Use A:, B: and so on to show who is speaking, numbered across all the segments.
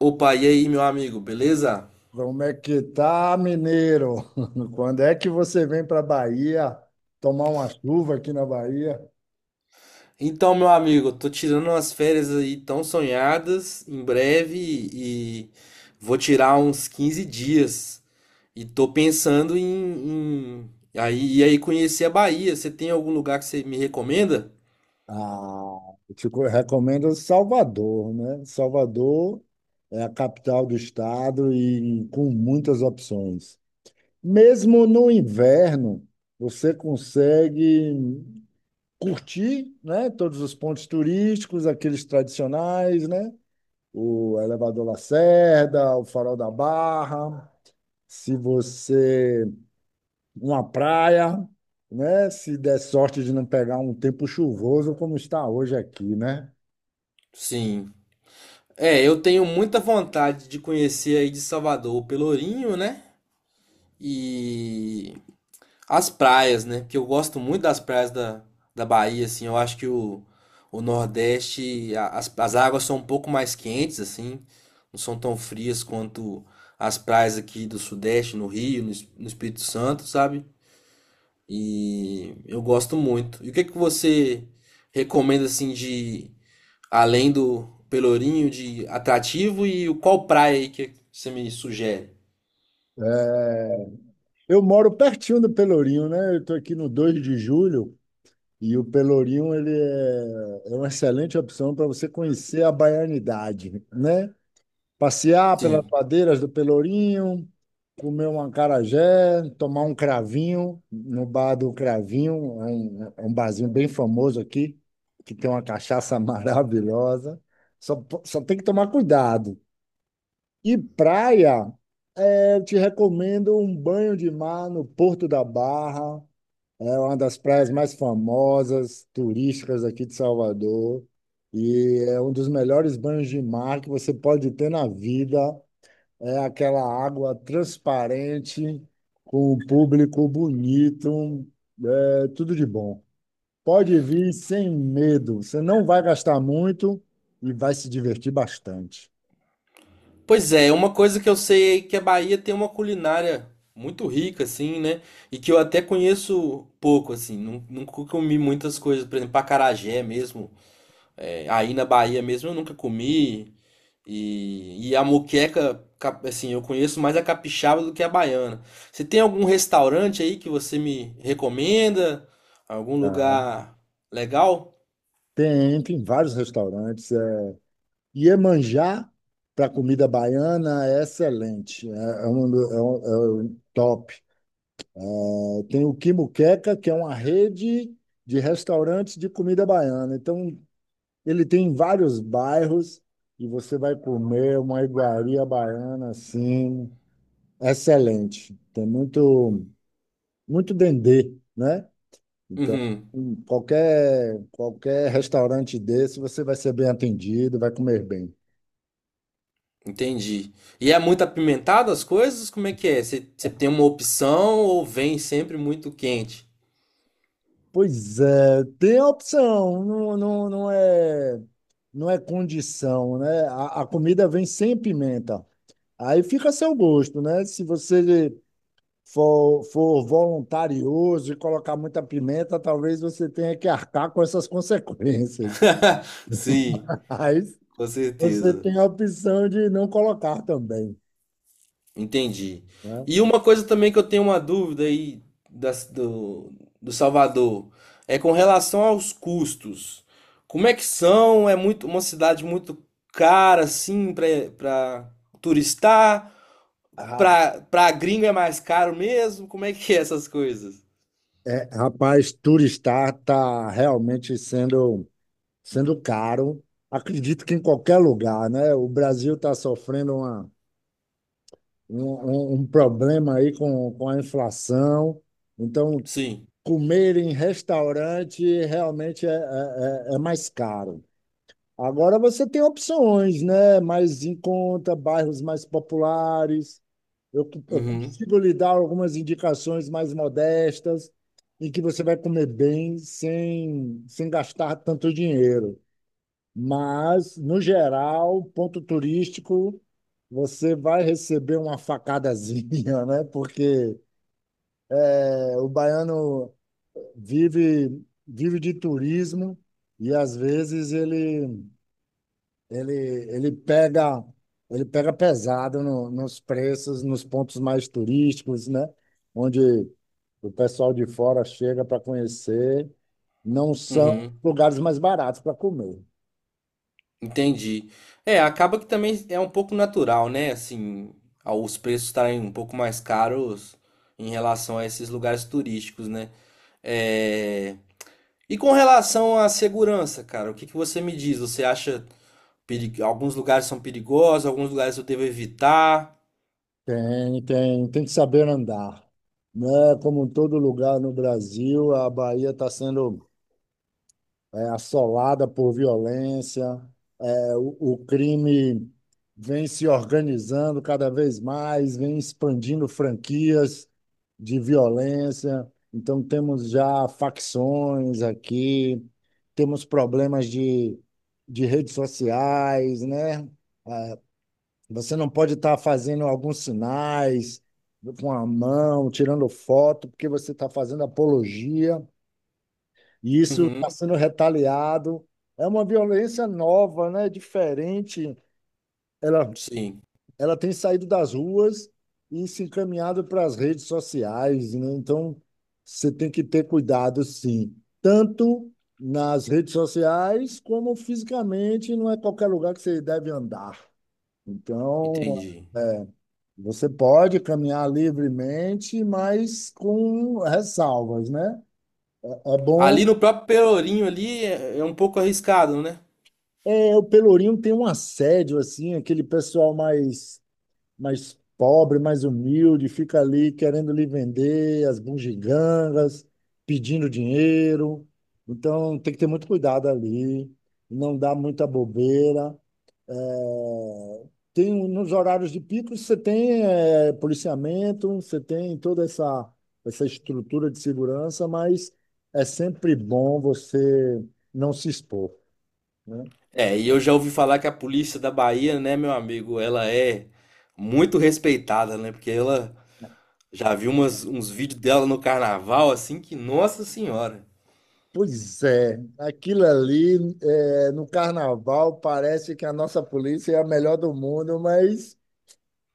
A: Opa, e aí, meu amigo, beleza?
B: Como é que tá, mineiro? Quando é que você vem para Bahia tomar uma chuva aqui na Bahia?
A: Então, meu amigo, eu tô tirando umas férias aí tão sonhadas em breve e vou tirar uns 15 dias. E tô pensando aí, e aí conhecer a Bahia. Você tem algum lugar que você me recomenda?
B: Ah, recomendo Salvador, né? Salvador é a capital do estado e com muitas opções. Mesmo no inverno, você consegue curtir, né? Todos os pontos turísticos, aqueles tradicionais, né? O Elevador Lacerda, o Farol da Barra. Se você uma praia, né? Se der sorte de não pegar um tempo chuvoso como está hoje aqui, né?
A: Sim. É, eu tenho muita vontade de conhecer aí de Salvador o Pelourinho, né? E as praias, né? Porque eu gosto muito das praias da Bahia, assim. Eu acho que o Nordeste, as águas são um pouco mais quentes, assim. Não são tão frias quanto as praias aqui do Sudeste, no Rio, no Espírito Santo, sabe? E eu gosto muito. E o que que você recomenda, assim, de... Além do Pelourinho, de atrativo e o qual praia aí que você me sugere?
B: É, Eu moro pertinho do Pelourinho, né? Eu estou aqui no Dois de Julho e o Pelourinho ele é uma excelente opção para você conhecer a baianidade, né? Passear pelas
A: Sim.
B: ladeiras do Pelourinho, comer um acarajé, tomar um cravinho no bar do Cravinho, é um barzinho bem famoso aqui, que tem uma cachaça maravilhosa. Só tem que tomar cuidado. E praia, eu te recomendo um banho de mar no Porto da Barra. É uma das praias mais famosas, turísticas aqui de Salvador. E é um dos melhores banhos de mar que você pode ter na vida. É aquela água transparente, com o público bonito, é tudo de bom. Pode vir sem medo, você não vai gastar muito e vai se divertir bastante.
A: Pois é, uma coisa que eu sei é que a Bahia tem uma culinária muito rica, assim, né? E que eu até conheço pouco, assim. Nunca comi muitas coisas, por exemplo, acarajé mesmo. É, aí na Bahia mesmo eu nunca comi. E a moqueca, assim, eu conheço mais a capixaba do que a baiana. Você tem algum restaurante aí que você me recomenda? Algum
B: Tá?
A: lugar legal?
B: Tem, tem vários restaurantes. É, Iemanjá, para comida baiana, é excelente, é um, do- é um- é um top. É, Tem o Quimuqueca, que é uma rede de restaurantes de comida baiana. Então, ele tem vários bairros e você vai comer uma iguaria baiana assim, excelente. Tem muito, muito dendê, né? Então,
A: Uhum.
B: em qualquer restaurante desse, você vai ser bem atendido, vai comer bem.
A: Entendi. E é muito apimentado as coisas? Como é que é? Você tem uma opção ou vem sempre muito quente?
B: Pois é, tem a opção, não é condição, né? A comida vem sem pimenta. Aí fica a seu gosto, né? Se você for voluntarioso e colocar muita pimenta, talvez você tenha que arcar com essas consequências.
A: Sim,
B: Mas
A: com
B: você
A: certeza.
B: tem a opção de não colocar também,
A: Entendi.
B: né?
A: E uma coisa também que eu tenho uma dúvida aí das- do, do Salvador é com relação aos custos. Como é que são? É muito uma cidade muito cara assim para turistar?
B: Ra-
A: Para gringo é mais caro mesmo? Como é que é essas coisas?
B: Rapaz, turistar está realmente sendo caro. Acredito que em qualquer lugar, né? O Brasil está sofrendo uma, um, um um problema aí com a inflação. Então,
A: Sim.
B: comer em restaurante realmente é mais caro. Agora você tem opções, né? Mais em conta, bairros mais populares. Eu
A: Uhum.
B: consigo lhe dar algumas indicações mais modestas, em que você vai comer bem sem gastar tanto dinheiro. Mas, no geral, ponto turístico, você vai receber uma facadazinha, né? Porque é, o baiano vive de turismo e, às vezes, Ele, ele pega, ele pega pesado nos preços, nos pontos mais turísticos, né? Onde o pessoal de fora chega para conhecer, não são
A: Uhum,
B: lugares mais baratos para comer.
A: entendi. É, acaba que também é um pouco natural, né? Assim, os preços estarem um pouco mais caros em relação a esses lugares turísticos, né? É... E com relação à segurança, cara, o que que você me diz? Você acha que alguns lugares são perigosos, alguns lugares eu devo evitar?
B: Tem que saber andar, né? Como em todo lugar no Brasil, a Bahia está sendo assolada por violência. O crime vem se organizando cada vez mais, vem expandindo franquias de violência. Então, temos já facções aqui, temos problemas de redes sociais, né? Você não pode estar fazendo alguns sinais com a mão, tirando foto, porque você está fazendo apologia, e isso
A: Uhum,
B: está sendo retaliado. É uma violência nova, né? Diferente. Ela
A: sim,
B: ela tem saído das ruas e se encaminhado para as redes sociais, né? Então, você tem que ter cuidado, sim, tanto nas redes sociais como fisicamente, não é qualquer lugar que você deve andar. Então,
A: entendi.
B: você pode caminhar livremente, mas com ressalvas, né? É, é
A: Ali
B: bom.
A: no próprio Pelourinho ali é um pouco arriscado, né?
B: É, o Pelourinho tem um assédio, assim, aquele pessoal mais pobre, mais humilde, fica ali querendo lhe vender as bugigangas, pedindo dinheiro. Então, tem que ter muito cuidado ali, não dar muita bobeira. É, Tem, um, nos horários de pico, você tem policiamento, você tem toda essa estrutura de segurança, mas é sempre bom você não se expor, né?
A: É, e eu já ouvi falar que a polícia da Bahia, né, meu amigo, ela é muito respeitada, né? Porque ela já viu umas, uns vídeos dela no carnaval, assim, que, nossa senhora.
B: Pois é, aquilo ali é, no carnaval parece que a nossa polícia é a melhor do mundo, mas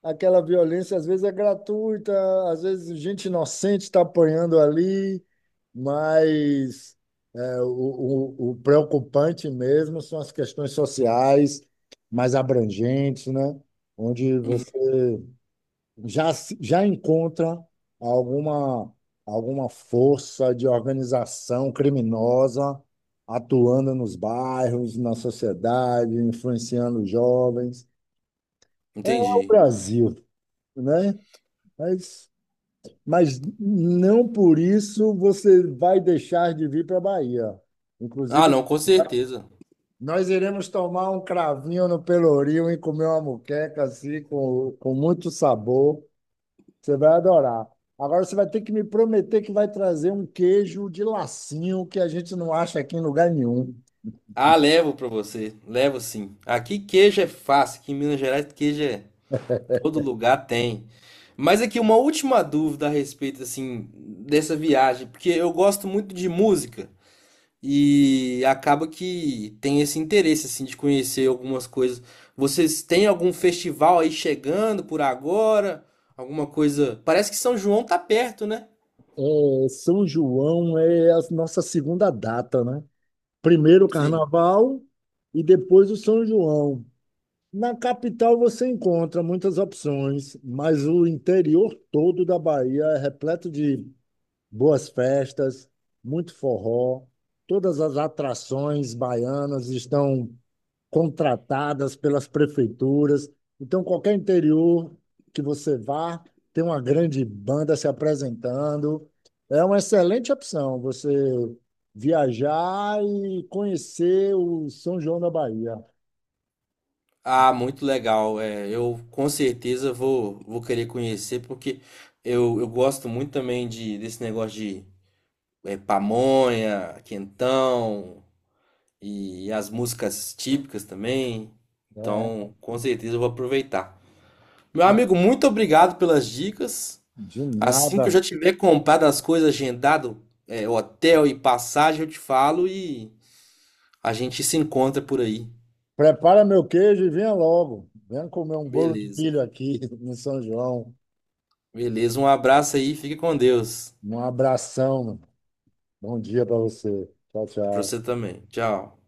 B: aquela violência às vezes é gratuita, às vezes gente inocente está apanhando ali, mas é, o, o preocupante mesmo são as questões sociais mais abrangentes, né? Onde
A: Uhum,
B: já, se- já encontra alguma, alguma força de organização criminosa atuando nos bairros, na sociedade, influenciando os jovens. É o
A: entendi.
B: Brasil, né? Mas, mas não por isso você vai deixar de vir para a Bahia.
A: Ah,
B: Inclusive,
A: não, com certeza.
B: nós iremos tomar um cravinho no Pelourinho e comer uma moqueca assim, com muito sabor. Você vai adorar. Agora você vai ter que me prometer que vai trazer um queijo de lacinho que a gente não acha aqui em lugar nenhum.
A: Ah, levo pra você. Levo sim. Aqui queijo é fácil, aqui em Minas Gerais queijo é todo lugar tem. Mas aqui uma última dúvida a respeito, assim, dessa viagem, porque eu gosto muito de música. E acaba que tem esse interesse assim de conhecer algumas coisas. Vocês têm algum festival aí chegando por agora? Alguma coisa? Parece que São João tá perto, né?
B: É, São João é a nossa segunda data, né? Primeiro o
A: Sim.
B: Carnaval e depois o São João. Na capital você encontra muitas opções, mas o interior todo da Bahia é repleto de boas festas, muito forró. Todas as atrações baianas estão contratadas pelas prefeituras. Então, qualquer interior que você vá, tem uma grande banda se apresentando. É uma excelente opção você viajar e conhecer o São João da Bahia.
A: Ah, muito legal. É, eu com certeza vou querer conhecer porque eu gosto muito também de desse negócio de é, pamonha, quentão e as músicas típicas também.
B: É,
A: Então, com certeza eu vou aproveitar. Meu
B: na-
A: amigo, muito obrigado pelas dicas.
B: de
A: Assim que eu
B: nada.
A: já tiver comprado as coisas, agendado, é, hotel e passagem, eu te falo e a gente se encontra por aí.
B: Prepara meu queijo e venha logo. Venha comer um bolo de
A: Beleza.
B: milho aqui no São João.
A: Beleza, um abraço aí, fique com Deus.
B: Um abração. Bom dia para você. Tchau,
A: Pra
B: tchau.
A: você também. Tchau.